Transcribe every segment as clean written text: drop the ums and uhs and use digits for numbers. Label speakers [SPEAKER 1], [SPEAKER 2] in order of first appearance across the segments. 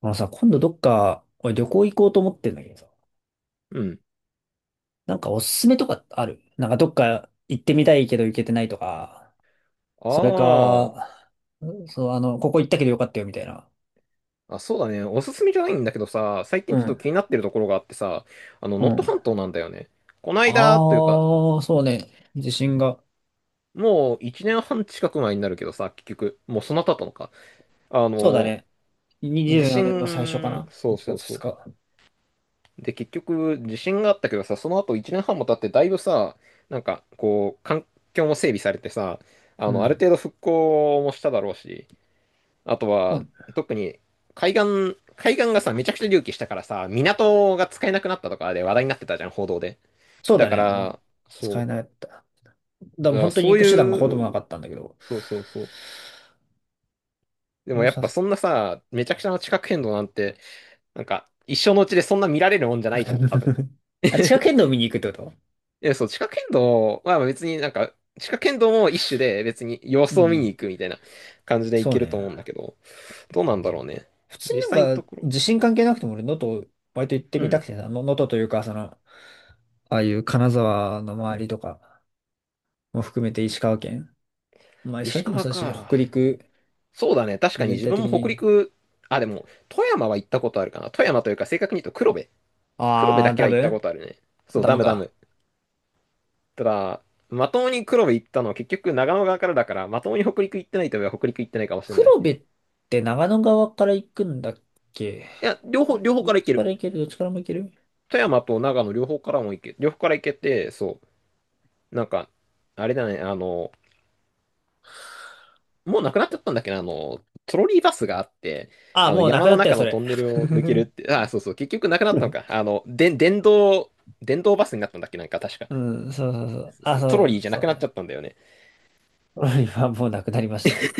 [SPEAKER 1] あのさ、今度どっか、俺旅行行こうと思ってんだけどさ、
[SPEAKER 2] うん。
[SPEAKER 1] なんかおすすめとかある？なんかどっか行ってみたいけど行けてないとか、それ
[SPEAKER 2] あ
[SPEAKER 1] か、そう、ここ行ったけどよかったよみたいな。
[SPEAKER 2] あ。あ、そうだね。おすすめじゃないんだけどさ、最近
[SPEAKER 1] う
[SPEAKER 2] ちょっと
[SPEAKER 1] ん。
[SPEAKER 2] 気になってるところがあってさ、
[SPEAKER 1] う
[SPEAKER 2] 能登半
[SPEAKER 1] ん。
[SPEAKER 2] 島なんだよね。こな
[SPEAKER 1] あ
[SPEAKER 2] いだというか、
[SPEAKER 1] あ、そうね。地震が。
[SPEAKER 2] もう1年半近く前になるけどさ、結局、もうそんな経ったのか。あ
[SPEAKER 1] そうだ
[SPEAKER 2] の、
[SPEAKER 1] ね。
[SPEAKER 2] 地
[SPEAKER 1] 24年の最初か
[SPEAKER 2] 震、
[SPEAKER 1] な？
[SPEAKER 2] そう
[SPEAKER 1] 1
[SPEAKER 2] そう
[SPEAKER 1] 月2
[SPEAKER 2] そ
[SPEAKER 1] 日。
[SPEAKER 2] う。で、結局、地震があったけどさ、その後1年半も経って、だいぶさ、なんか、こう、環境も整備されてさ、
[SPEAKER 1] う
[SPEAKER 2] ある
[SPEAKER 1] ん。
[SPEAKER 2] 程度復興もしただろうし、あと
[SPEAKER 1] う
[SPEAKER 2] は、
[SPEAKER 1] ん、
[SPEAKER 2] 特に海岸がさ、めちゃくちゃ隆起したからさ、港が使えなくなったとかで話題になってたじゃん、報道で。
[SPEAKER 1] そう
[SPEAKER 2] だ
[SPEAKER 1] だ
[SPEAKER 2] か
[SPEAKER 1] ね。あ、
[SPEAKER 2] ら、
[SPEAKER 1] 使
[SPEAKER 2] そ
[SPEAKER 1] えなかった。で
[SPEAKER 2] う、
[SPEAKER 1] も
[SPEAKER 2] だから
[SPEAKER 1] 本当に
[SPEAKER 2] そ
[SPEAKER 1] 行
[SPEAKER 2] う
[SPEAKER 1] く手段がほとんどな
[SPEAKER 2] い
[SPEAKER 1] か
[SPEAKER 2] う、
[SPEAKER 1] ったんだけど。
[SPEAKER 2] そうそうそう。で
[SPEAKER 1] も
[SPEAKER 2] も
[SPEAKER 1] う
[SPEAKER 2] やっ
[SPEAKER 1] さ、
[SPEAKER 2] ぱ そんなさ、めちゃくちゃな地殻変動なんて、なんか、一生のうちでそんな見られるもんじゃないじゃん、多分。
[SPEAKER 1] あ、地殻 変動見に行くってこと？
[SPEAKER 2] いや、そう、地殻変動は別になんか、地殻変動も一種で別に様
[SPEAKER 1] う
[SPEAKER 2] 子を見に
[SPEAKER 1] ん。
[SPEAKER 2] 行くみたいな感じでい
[SPEAKER 1] そう
[SPEAKER 2] ける
[SPEAKER 1] ね。
[SPEAKER 2] と思うんだけど、どうなんだろうね。
[SPEAKER 1] 普通
[SPEAKER 2] 実
[SPEAKER 1] に
[SPEAKER 2] 際の
[SPEAKER 1] なん
[SPEAKER 2] と
[SPEAKER 1] か
[SPEAKER 2] ころ、
[SPEAKER 1] 地震関係なくても俺能登割と行って
[SPEAKER 2] う
[SPEAKER 1] みた
[SPEAKER 2] ん。
[SPEAKER 1] くてさ、能登というかああいう金沢の周りとかも含めて石川県。まあ石
[SPEAKER 2] 石
[SPEAKER 1] 川県も
[SPEAKER 2] 川
[SPEAKER 1] そうだし、
[SPEAKER 2] か。
[SPEAKER 1] 北陸
[SPEAKER 2] そうだね。確かに
[SPEAKER 1] 全
[SPEAKER 2] 自
[SPEAKER 1] 体
[SPEAKER 2] 分も
[SPEAKER 1] 的
[SPEAKER 2] 北
[SPEAKER 1] に。
[SPEAKER 2] 陸、あ、でも、富山は行ったことあるかな。富山というか、正確に言うと黒部。黒部だ
[SPEAKER 1] あー、
[SPEAKER 2] け
[SPEAKER 1] ダ
[SPEAKER 2] は行ったこ
[SPEAKER 1] ム、
[SPEAKER 2] とあるね。そう、
[SPEAKER 1] ダ
[SPEAKER 2] ダ
[SPEAKER 1] ム
[SPEAKER 2] ムダ
[SPEAKER 1] か。
[SPEAKER 2] ム。ただ、まともに黒部行ったのは結局長野側からだから、まともに北陸行ってないといえば北陸行ってないかもしれない。い
[SPEAKER 1] 黒部って長野側から行くんだっけ？
[SPEAKER 2] や、両方
[SPEAKER 1] どっ
[SPEAKER 2] から行
[SPEAKER 1] ち
[SPEAKER 2] け
[SPEAKER 1] か
[SPEAKER 2] る。
[SPEAKER 1] ら行ける？どっちからも行ける？
[SPEAKER 2] 富山と長野両方からも行け、両方から行けて、そう、なんか、あれだね、もうなくなっちゃったんだっけな、トロリーバスがあって、
[SPEAKER 1] あー、もうな
[SPEAKER 2] 山
[SPEAKER 1] くな
[SPEAKER 2] の
[SPEAKER 1] ったよ、
[SPEAKER 2] 中
[SPEAKER 1] そ
[SPEAKER 2] の
[SPEAKER 1] れ。
[SPEAKER 2] トンネルを抜けるって、あ、そうそう、結局なくなったのか。で、電動バスになったんだっけ、なんか確か。
[SPEAKER 1] うん、そうそうそう。
[SPEAKER 2] そう
[SPEAKER 1] あ、
[SPEAKER 2] そう
[SPEAKER 1] そ
[SPEAKER 2] トロリ
[SPEAKER 1] う、
[SPEAKER 2] ーじゃな
[SPEAKER 1] そう
[SPEAKER 2] く
[SPEAKER 1] だ
[SPEAKER 2] なっち
[SPEAKER 1] ね。
[SPEAKER 2] ゃったんだよね。
[SPEAKER 1] 今もうなくなりました。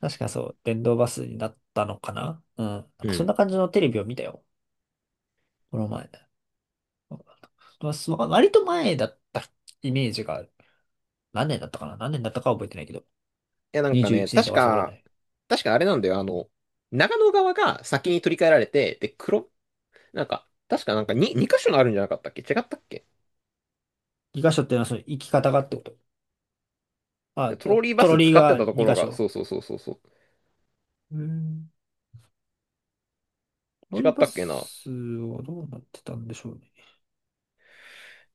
[SPEAKER 1] 確かそう、電動バスになったのかな、うん。なん
[SPEAKER 2] う
[SPEAKER 1] かそん
[SPEAKER 2] ん。
[SPEAKER 1] な
[SPEAKER 2] い
[SPEAKER 1] 感じのテレビを見たよ。この前ね。まあそう割と前だったイメージがある。何年だったかな、何年だったかは覚えてないけど。
[SPEAKER 2] や、なんか
[SPEAKER 1] 21
[SPEAKER 2] ね、
[SPEAKER 1] 年とかそこらね。
[SPEAKER 2] 確かあれなんだよ、長野側が先に取り替えられて、で、なんか、確かなんか2箇所あるんじゃなかったっけ違ったっけ
[SPEAKER 1] 2箇所っていうのはその生き方がってこと。あ、
[SPEAKER 2] ト
[SPEAKER 1] あ
[SPEAKER 2] ロリーバ
[SPEAKER 1] トロ
[SPEAKER 2] ス
[SPEAKER 1] リー
[SPEAKER 2] 使って
[SPEAKER 1] が
[SPEAKER 2] たと
[SPEAKER 1] 2
[SPEAKER 2] ころ
[SPEAKER 1] 箇
[SPEAKER 2] が、そ
[SPEAKER 1] 所。
[SPEAKER 2] うそうそうそうそう。
[SPEAKER 1] うーん。トロリ
[SPEAKER 2] 違
[SPEAKER 1] ー
[SPEAKER 2] っ
[SPEAKER 1] バ
[SPEAKER 2] たっけな。
[SPEAKER 1] スはどうなってたんでしょうね。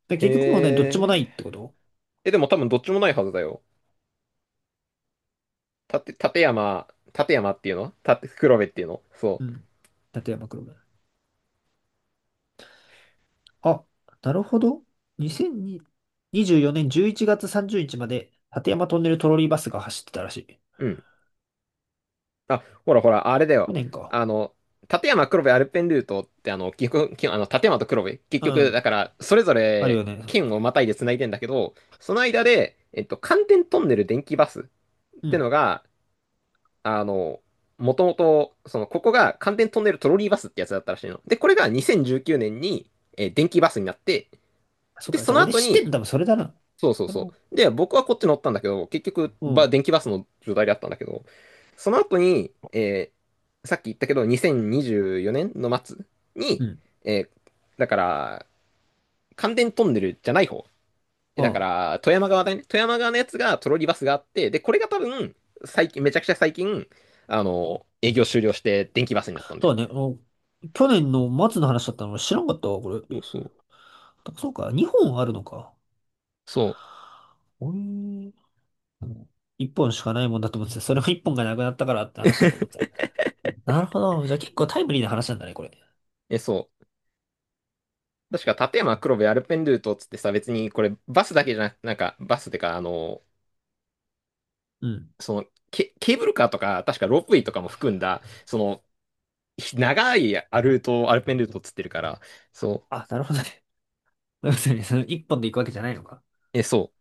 [SPEAKER 1] で、
[SPEAKER 2] へ
[SPEAKER 1] 結局もうね、どっちも
[SPEAKER 2] え。
[SPEAKER 1] ないってこと？
[SPEAKER 2] え、でも多分どっちもないはずだよ。たて、立山、立山っていうの黒部っていうのそ
[SPEAKER 1] うん。立山黒部。あ、なるほど。2024年11月30日まで、立山トンネルトロリーバスが走ってたらしい。
[SPEAKER 2] う。うん。あ、ほらほら、あれだ
[SPEAKER 1] 去
[SPEAKER 2] よ。
[SPEAKER 1] 年か。
[SPEAKER 2] あの、立山黒部アルペンルートって、結局、きあの、立山と黒部、結
[SPEAKER 1] う
[SPEAKER 2] 局、
[SPEAKER 1] ん。
[SPEAKER 2] だから、それぞ
[SPEAKER 1] あるよ
[SPEAKER 2] れ
[SPEAKER 1] ね。そう、
[SPEAKER 2] 県をまたいで繋いでんだけど、その間で、寒天トンネル電気バスっ
[SPEAKER 1] う
[SPEAKER 2] て
[SPEAKER 1] ん。
[SPEAKER 2] のが、あの、もともと、その、ここが寒天トンネルトロリーバスってやつだったらしいの。で、これが2019年に、電気バスになって、
[SPEAKER 1] そっ
[SPEAKER 2] で、
[SPEAKER 1] か。じ
[SPEAKER 2] そ
[SPEAKER 1] ゃあ
[SPEAKER 2] の
[SPEAKER 1] 俺
[SPEAKER 2] 後
[SPEAKER 1] 知ってん
[SPEAKER 2] に、
[SPEAKER 1] の多分それだな。
[SPEAKER 2] そうそう
[SPEAKER 1] それは、
[SPEAKER 2] そう。で、僕はこっち乗ったんだけど、結局、
[SPEAKER 1] うん。
[SPEAKER 2] 電気バスの状態であったんだけど、その後に、さっき言ったけど、2024年の末
[SPEAKER 1] う
[SPEAKER 2] に、
[SPEAKER 1] ん。
[SPEAKER 2] えーだから、関電トンネルじゃない方。えだか
[SPEAKER 1] ま
[SPEAKER 2] ら、富山側だね。富山側のやつがトロリバスがあって、で、これが多分、最近、めちゃくちゃ最近、営業終了して電気バスになった
[SPEAKER 1] あ、
[SPEAKER 2] んだ
[SPEAKER 1] そ
[SPEAKER 2] よ。
[SPEAKER 1] うだね。去年の末の話だったの俺知らんかったわ、これ。
[SPEAKER 2] そうそう。
[SPEAKER 1] そうか。2本あるのか。
[SPEAKER 2] そう。
[SPEAKER 1] おい。1本しかないもんだと思ってた。それも1本がなくなったからって話だと思って た。なるほど。じゃあ結構タイムリーな話なんだね、これ。
[SPEAKER 2] え、そう。確か、立山黒部アルペンルートっつってさ、別にこれバスだけじゃなく、なんかバスってか、
[SPEAKER 1] うん。
[SPEAKER 2] そのケーブルカーとか、確かロープウェイとかも含んだ、その、長いアルペンルートをつってるから、そ
[SPEAKER 1] あ、なるほどね。要するに、その一本で行くわけじゃないのか。
[SPEAKER 2] う、え、そ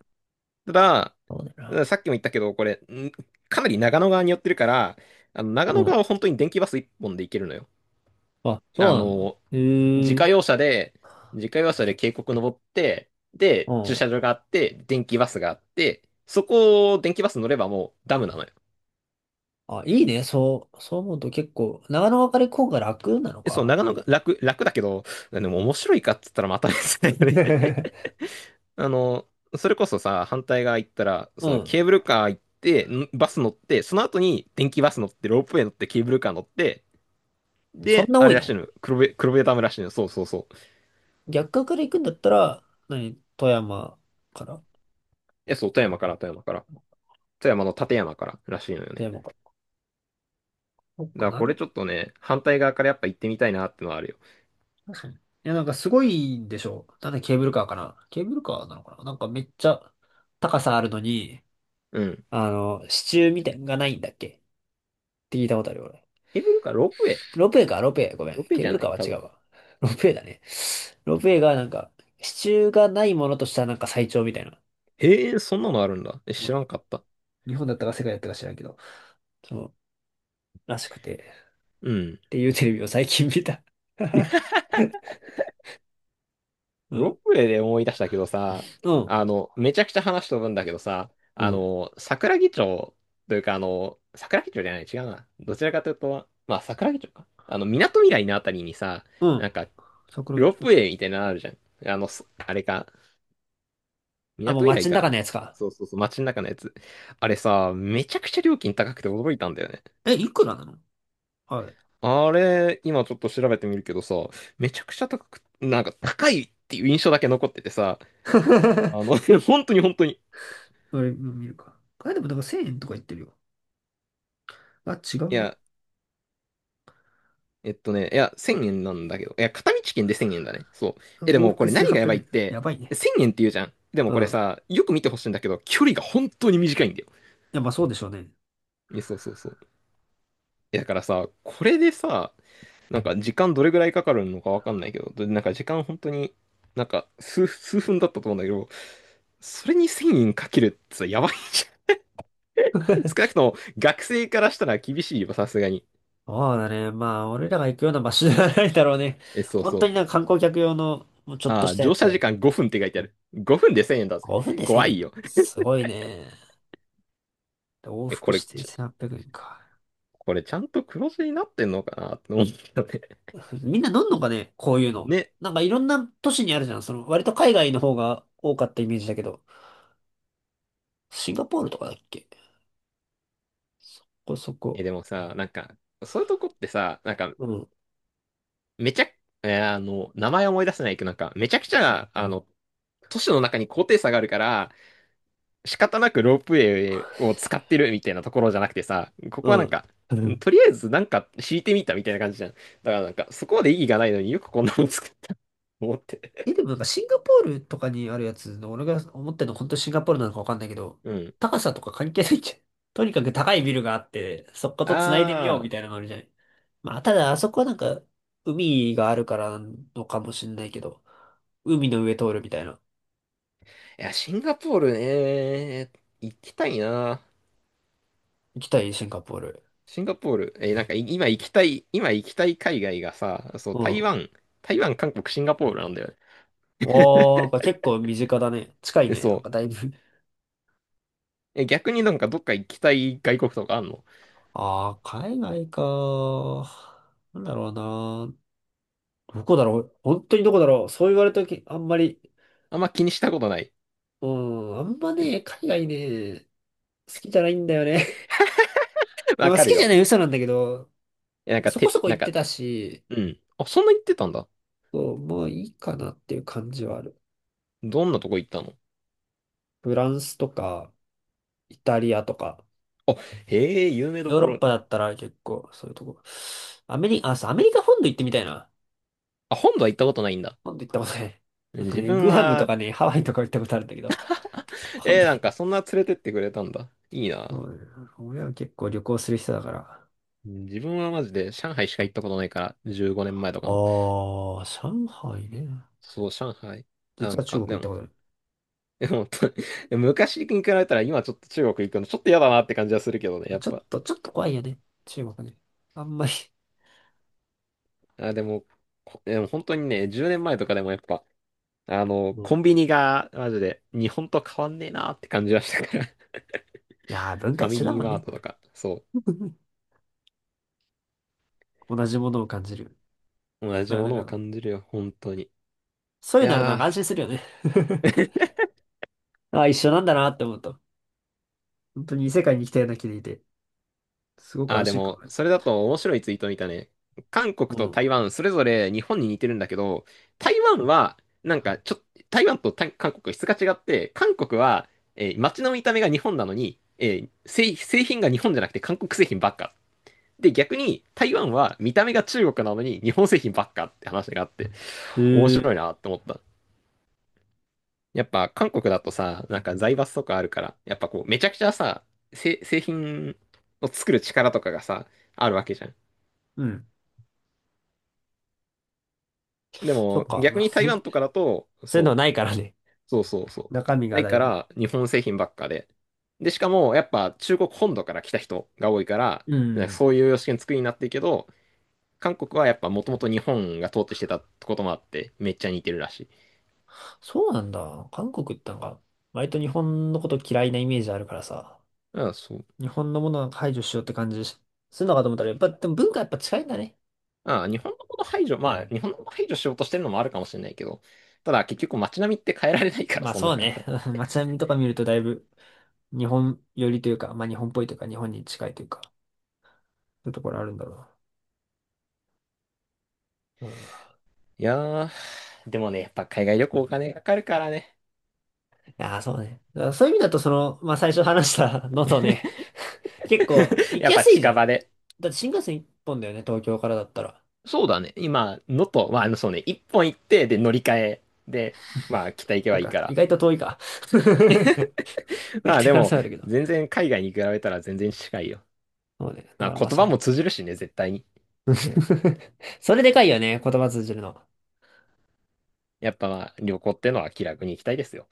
[SPEAKER 2] う。ただ、
[SPEAKER 1] そうだ
[SPEAKER 2] さ
[SPEAKER 1] な。
[SPEAKER 2] っきも言ったけど、これ、かなり長野側に寄ってるから、長
[SPEAKER 1] う
[SPEAKER 2] 野
[SPEAKER 1] ん。
[SPEAKER 2] 側は本当に電気バス一本で行けるのよ。
[SPEAKER 1] あ、そう
[SPEAKER 2] あ
[SPEAKER 1] なんだ。
[SPEAKER 2] の、自
[SPEAKER 1] へ
[SPEAKER 2] 家
[SPEAKER 1] え。
[SPEAKER 2] 用車で、自家用車で渓谷登って、
[SPEAKER 1] う
[SPEAKER 2] で、駐
[SPEAKER 1] ん。
[SPEAKER 2] 車場があって、電気バスがあって、そこを電気バス乗ればもうダムなのよ。
[SPEAKER 1] あ、いいね。そう、そう思うと結構、長野別れ今が楽なの
[SPEAKER 2] え、そう、
[SPEAKER 1] か。
[SPEAKER 2] 長野が楽だけど、でも面白いかっつったらまた別だよね。 あの、それこそさ、反対側行ったら、
[SPEAKER 1] う
[SPEAKER 2] その
[SPEAKER 1] ん。
[SPEAKER 2] ケーブルカー行って、バス乗って、その後に電気バス乗って、ロープウェイ乗って、ケーブルカー乗って、
[SPEAKER 1] そん
[SPEAKER 2] で、
[SPEAKER 1] な
[SPEAKER 2] あ
[SPEAKER 1] 多
[SPEAKER 2] れ
[SPEAKER 1] い
[SPEAKER 2] らしい
[SPEAKER 1] の？
[SPEAKER 2] のよ、黒部ダムらしいのよ、そうそうそう。
[SPEAKER 1] 逆側から行くんだったら、何富山から？
[SPEAKER 2] え、そう、富山から、富山から。富山の立山かららしいのよ
[SPEAKER 1] 富
[SPEAKER 2] ね。
[SPEAKER 1] 山から。そっ
[SPEAKER 2] だか
[SPEAKER 1] か
[SPEAKER 2] ら
[SPEAKER 1] な
[SPEAKER 2] これ
[SPEAKER 1] る。
[SPEAKER 2] ちょっとね、反対側からやっぱ行ってみたいなってのはあるよ。
[SPEAKER 1] 確かに。いや、なんかすごいんでしょ？なんでケーブルカーかな？ケーブルカーなのかな、なんかめっちゃ高さあるのに、
[SPEAKER 2] うん。
[SPEAKER 1] 支柱みたいなのがないんだっけって聞いたことあるよ、俺。
[SPEAKER 2] ケーブルカー、
[SPEAKER 1] ロープウェイか、ロープウェイ。ごめん。
[SPEAKER 2] ロープウェイ
[SPEAKER 1] ケー
[SPEAKER 2] じ
[SPEAKER 1] ブ
[SPEAKER 2] ゃ
[SPEAKER 1] ル
[SPEAKER 2] な
[SPEAKER 1] カー
[SPEAKER 2] い
[SPEAKER 1] は
[SPEAKER 2] 多
[SPEAKER 1] 違
[SPEAKER 2] 分。
[SPEAKER 1] うわ。ロープウェイだね。ロープウェイがなんか、支柱がないものとしたらなんか最長みたいな。
[SPEAKER 2] へえ、そんなのあるんだ。え、知らんかった。
[SPEAKER 1] 日本だったか世界だったか知らんけど。そう、らしくて。っ
[SPEAKER 2] うん。
[SPEAKER 1] ていうテレビを最近見た。う
[SPEAKER 2] ロー
[SPEAKER 1] ん。
[SPEAKER 2] プレイで思い出したけどさ、
[SPEAKER 1] うん。
[SPEAKER 2] めちゃくちゃ話飛ぶんだけどさ、
[SPEAKER 1] うん。
[SPEAKER 2] 桜木町というか、桜木町じゃない、違うな。どちらかというと、まあ、桜木町か。港未来のあたりにさ、
[SPEAKER 1] う
[SPEAKER 2] な
[SPEAKER 1] ん。
[SPEAKER 2] んか、
[SPEAKER 1] 桜
[SPEAKER 2] ロー
[SPEAKER 1] 木。う
[SPEAKER 2] プウ
[SPEAKER 1] ん。
[SPEAKER 2] ェイみたいなのあるじゃん。あれか、
[SPEAKER 1] あ、もう
[SPEAKER 2] 港未
[SPEAKER 1] 街
[SPEAKER 2] 来
[SPEAKER 1] の
[SPEAKER 2] か
[SPEAKER 1] 中の
[SPEAKER 2] な。
[SPEAKER 1] やつか。
[SPEAKER 2] そうそうそう、街の中のやつ。あれさ、めちゃくちゃ料金高くて驚いたんだよね。
[SPEAKER 1] え、いくらなの、あれ。
[SPEAKER 2] あれ、今ちょっと調べてみるけどさ、めちゃくちゃ高く、なんか高いっていう印象だけ残っててさ、
[SPEAKER 1] あ
[SPEAKER 2] 本当に本当に。
[SPEAKER 1] れ、うん、見るか。あれでもなんか1000円とか言ってるよ。あ、違
[SPEAKER 2] い
[SPEAKER 1] うな。
[SPEAKER 2] や、いや、1000円なんだけど。いや、片道券で1000円だね。そう。え、で
[SPEAKER 1] 往
[SPEAKER 2] もこ
[SPEAKER 1] 復
[SPEAKER 2] れ何がや
[SPEAKER 1] 1800
[SPEAKER 2] ばいっ
[SPEAKER 1] 円。や
[SPEAKER 2] て、
[SPEAKER 1] ばいね。
[SPEAKER 2] 1000円って言うじゃん。でも
[SPEAKER 1] う
[SPEAKER 2] これ
[SPEAKER 1] ん。
[SPEAKER 2] さ、よく見てほしいんだけど、距離が本当に短いんだよ。
[SPEAKER 1] いや、まあそうでしょうね。
[SPEAKER 2] え、そうそうそう。だからさ、これでさ、なんか時間どれぐらいかかるのかわかんないけど、でなんか時間本当に、なんか数分だったと思うんだけど、それに1000円かけるってさ、やばいじゃん。少なくとも学生からしたら厳しいよ、さすがに。
[SPEAKER 1] そうだね。まあ、俺らが行くような場所じゃないだろうね。
[SPEAKER 2] え、そう
[SPEAKER 1] 本
[SPEAKER 2] そ
[SPEAKER 1] 当
[SPEAKER 2] う。
[SPEAKER 1] になんか観光客用の、もうちょっと
[SPEAKER 2] あ
[SPEAKER 1] し
[SPEAKER 2] あ、
[SPEAKER 1] たや
[SPEAKER 2] 乗
[SPEAKER 1] つ
[SPEAKER 2] 車
[SPEAKER 1] だ
[SPEAKER 2] 時
[SPEAKER 1] ろ。
[SPEAKER 2] 間5分って書いてある。5分で1000円だぜ。
[SPEAKER 1] 5分で1000
[SPEAKER 2] 怖い
[SPEAKER 1] 円。
[SPEAKER 2] よ。
[SPEAKER 1] すごいね。で往
[SPEAKER 2] え、
[SPEAKER 1] 復して1800円か。
[SPEAKER 2] これちゃんと黒字になってんのかなって思ったね。
[SPEAKER 1] みんな飲んのかね、こういうの。
[SPEAKER 2] ね。
[SPEAKER 1] なんかいろんな都市にあるじゃん。割と海外の方が多かったイメージだけど。シンガポールとかだっけ？ここそこ。
[SPEAKER 2] え、でもさ、なんか、そういうとこってさ、なんか、
[SPEAKER 1] うん。
[SPEAKER 2] めちゃ、名前思い出せないけど、なんか、めちゃくちゃ、都市の中に高低差があるから、仕方なくロープウェイを使ってるみたいなところじゃなくてさ、ここは
[SPEAKER 1] う
[SPEAKER 2] なん
[SPEAKER 1] ん。
[SPEAKER 2] か、とりあえずなんか敷いてみたみたいな感じじゃん。だからなんか、そこまで意義がないのによくこんなの作ったと思って。
[SPEAKER 1] え、でもなんかシンガポールとかにあるやつの、俺が思ってるの本当シンガポールなのかわかんないけど、
[SPEAKER 2] うん。
[SPEAKER 1] 高さとか関係ないじゃん。とにかく高いビルがあって、そこと繋いでみようみ
[SPEAKER 2] あ
[SPEAKER 1] た
[SPEAKER 2] あ、
[SPEAKER 1] いなのがあるじゃん。まあ、ただあそこはなんか、海があるからなのかもしんないけど、海の上通るみたいな。
[SPEAKER 2] いや、シンガポールね、行きたいな。
[SPEAKER 1] 行きたい、シンガポール。
[SPEAKER 2] シンガポール、なんか今行きたい海外がさ、そう、
[SPEAKER 1] うん。
[SPEAKER 2] 台湾、韓国、シンガポールなんだよね。
[SPEAKER 1] おー、なんか結構身近だね。近い
[SPEAKER 2] え、
[SPEAKER 1] ね。なん
[SPEAKER 2] そ
[SPEAKER 1] かだいぶ。
[SPEAKER 2] う。え、逆になんかどっか行きたい外国とかあんの。
[SPEAKER 1] あー、海外か、なんだろうな、どこだろう、本当にどこだろう、そう言われたとき、あんまり。
[SPEAKER 2] あんま気にしたことない。
[SPEAKER 1] うん、あんまね、海外ね、好きじゃないんだよね。いや、
[SPEAKER 2] わ
[SPEAKER 1] まあ
[SPEAKER 2] か
[SPEAKER 1] 好
[SPEAKER 2] る
[SPEAKER 1] きじ
[SPEAKER 2] よ。
[SPEAKER 1] ゃない嘘なんだけど、
[SPEAKER 2] え、なんか、
[SPEAKER 1] そこそこ
[SPEAKER 2] なん
[SPEAKER 1] 行って
[SPEAKER 2] か、
[SPEAKER 1] たし、
[SPEAKER 2] うん。あ、そんな行ってたんだ。
[SPEAKER 1] そう、もういいかなっていう感じはある。
[SPEAKER 2] どんなとこ行ったの。
[SPEAKER 1] フランスとか、イタリアとか、
[SPEAKER 2] あ、へえ、有名ど
[SPEAKER 1] ヨー
[SPEAKER 2] こ
[SPEAKER 1] ロッ
[SPEAKER 2] ろ。
[SPEAKER 1] パだったら結構そういうとこ。アメリカ、あ、そう、アメリカ本土行ってみたいな。
[SPEAKER 2] あ、本土は行ったことないんだ。
[SPEAKER 1] 本土行ったことない。なんか
[SPEAKER 2] 自
[SPEAKER 1] ね、
[SPEAKER 2] 分
[SPEAKER 1] グアムと
[SPEAKER 2] は、
[SPEAKER 1] かね、ハワイとか行ったことあるんだけど、本土
[SPEAKER 2] なんか
[SPEAKER 1] に。
[SPEAKER 2] そんな連れてってくれたんだ。いい
[SPEAKER 1] そ
[SPEAKER 2] な。
[SPEAKER 1] うね、親は結構旅行する人だから。あ
[SPEAKER 2] 自分はマジで上海しか行ったことないから、15年前とかの。
[SPEAKER 1] あ、上海ね。
[SPEAKER 2] そう、上海。な
[SPEAKER 1] 実
[SPEAKER 2] ん
[SPEAKER 1] は中
[SPEAKER 2] か、
[SPEAKER 1] 国行
[SPEAKER 2] で
[SPEAKER 1] った
[SPEAKER 2] も、
[SPEAKER 1] ことある。
[SPEAKER 2] 本当に昔に比べたら今ちょっと中国行くのちょっと嫌だなって感じはするけどね、やっ
[SPEAKER 1] ちょっ
[SPEAKER 2] ぱ。
[SPEAKER 1] と、ちょっと怖いよね。中国ね。あんまり。
[SPEAKER 2] あ、でも、でも本当にね、10年前とかでもやっぱ、
[SPEAKER 1] も
[SPEAKER 2] コ
[SPEAKER 1] う。
[SPEAKER 2] ンビニがマジで日本と変わんねえなって感じはしたから。
[SPEAKER 1] いやー、文
[SPEAKER 2] フ
[SPEAKER 1] 化
[SPEAKER 2] ァミ
[SPEAKER 1] 一緒だ
[SPEAKER 2] リ
[SPEAKER 1] も
[SPEAKER 2] ー
[SPEAKER 1] ん
[SPEAKER 2] マー
[SPEAKER 1] ね。
[SPEAKER 2] トとか、そう。
[SPEAKER 1] 同じものを感じる。
[SPEAKER 2] 同じ
[SPEAKER 1] な、
[SPEAKER 2] も
[SPEAKER 1] なん
[SPEAKER 2] のを
[SPEAKER 1] か、
[SPEAKER 2] 感じるよ、本当に。い
[SPEAKER 1] そういうのあると
[SPEAKER 2] や
[SPEAKER 1] なん
[SPEAKER 2] ー。
[SPEAKER 1] か安心するよね。あ一緒なんだなって思うと。本当に異世界に来たような気でいて、すごく
[SPEAKER 2] ああ、
[SPEAKER 1] 安
[SPEAKER 2] で
[SPEAKER 1] 心感
[SPEAKER 2] も、
[SPEAKER 1] がある。
[SPEAKER 2] それだと面白いツイート見たね。韓国と台湾、それぞれ日本に似てるんだけど、台湾は、なんか、台湾と台韓国は質が違って、韓国は、街の見た目が日本なのに、製品が日本じゃなくて韓国製品ばっか。で、逆に台湾は見た目が中国なのに日本製品ばっかって話があって、
[SPEAKER 1] うん。
[SPEAKER 2] 面
[SPEAKER 1] へ
[SPEAKER 2] 白いな
[SPEAKER 1] え。
[SPEAKER 2] って思った。やっぱ韓国だとさ、なんか財閥とかあるから、やっぱこう、めちゃくちゃさ、製品を作る力とかがさ、あるわけじゃん。
[SPEAKER 1] うん。
[SPEAKER 2] で
[SPEAKER 1] そっ
[SPEAKER 2] も
[SPEAKER 1] か、
[SPEAKER 2] 逆
[SPEAKER 1] なる
[SPEAKER 2] に
[SPEAKER 1] ほ
[SPEAKER 2] 台
[SPEAKER 1] どね。
[SPEAKER 2] 湾とかだと、
[SPEAKER 1] そういうのは
[SPEAKER 2] そう、
[SPEAKER 1] ないからね。
[SPEAKER 2] そうそうそ
[SPEAKER 1] 中身
[SPEAKER 2] う。な
[SPEAKER 1] が
[SPEAKER 2] い
[SPEAKER 1] だ
[SPEAKER 2] か
[SPEAKER 1] いぶ。
[SPEAKER 2] ら日本製品ばっかで。で、しかもやっぱ中国本土から来た人が多いから、
[SPEAKER 1] う
[SPEAKER 2] なんか
[SPEAKER 1] ん。
[SPEAKER 2] そういう様式の作りになってるけど、韓国はやっぱもともと日本が統治してたこともあって、めっちゃ似てるらしい。
[SPEAKER 1] そうなんだ。韓国ってなんか、割と日本のこと嫌いなイメージあるからさ、
[SPEAKER 2] うん、そう。
[SPEAKER 1] 日本のものは排除しようって感じするのかと思ったら、やっぱ、でも文化やっぱ近いんだね。
[SPEAKER 2] ああ、日本のこと排除、まあ、日本のこと排除しようとしてるのもあるかもしれないけど、ただ結局街並みって変えられないから、
[SPEAKER 1] まあ
[SPEAKER 2] そん
[SPEAKER 1] そ
[SPEAKER 2] な
[SPEAKER 1] う
[SPEAKER 2] 簡
[SPEAKER 1] ね。
[SPEAKER 2] 単に。
[SPEAKER 1] 街並みとか見るとだいぶ日本寄りというか、まあ日本っぽいというか、日本に近いというか、そういうところあるんだろうな。うん。
[SPEAKER 2] いやー、でもね、やっぱ海外旅行お金かかるからね。
[SPEAKER 1] いやー、そうね。だからそういう意味だと、まあ最初話した のとね、結構 行
[SPEAKER 2] や
[SPEAKER 1] き
[SPEAKER 2] っ
[SPEAKER 1] や
[SPEAKER 2] ぱ
[SPEAKER 1] すいじ
[SPEAKER 2] 近
[SPEAKER 1] ゃん。
[SPEAKER 2] 場で。
[SPEAKER 1] だって新幹線一本だよね、東京からだったら。
[SPEAKER 2] そうだね。今、のとまあ、そうね、一本行って、で、乗り換えで、まあ、北行け
[SPEAKER 1] な
[SPEAKER 2] ば
[SPEAKER 1] ん
[SPEAKER 2] いい
[SPEAKER 1] か、
[SPEAKER 2] か
[SPEAKER 1] 意
[SPEAKER 2] ら。
[SPEAKER 1] 外と遠いか。めっ
[SPEAKER 2] まあ、
[SPEAKER 1] ちゃ
[SPEAKER 2] で
[SPEAKER 1] 可能
[SPEAKER 2] も、
[SPEAKER 1] 性あるけど。
[SPEAKER 2] 全然海外に比べたら全然近いよ。
[SPEAKER 1] そうね。だ
[SPEAKER 2] ま
[SPEAKER 1] か
[SPEAKER 2] あ、
[SPEAKER 1] らま
[SPEAKER 2] 言
[SPEAKER 1] あそ
[SPEAKER 2] 葉
[SPEAKER 1] れ。
[SPEAKER 2] も通じるしね、絶対に。
[SPEAKER 1] それでかいよね、言葉通じるの。
[SPEAKER 2] やっぱ、まあ、旅行ってのは気楽に行きたいですよ。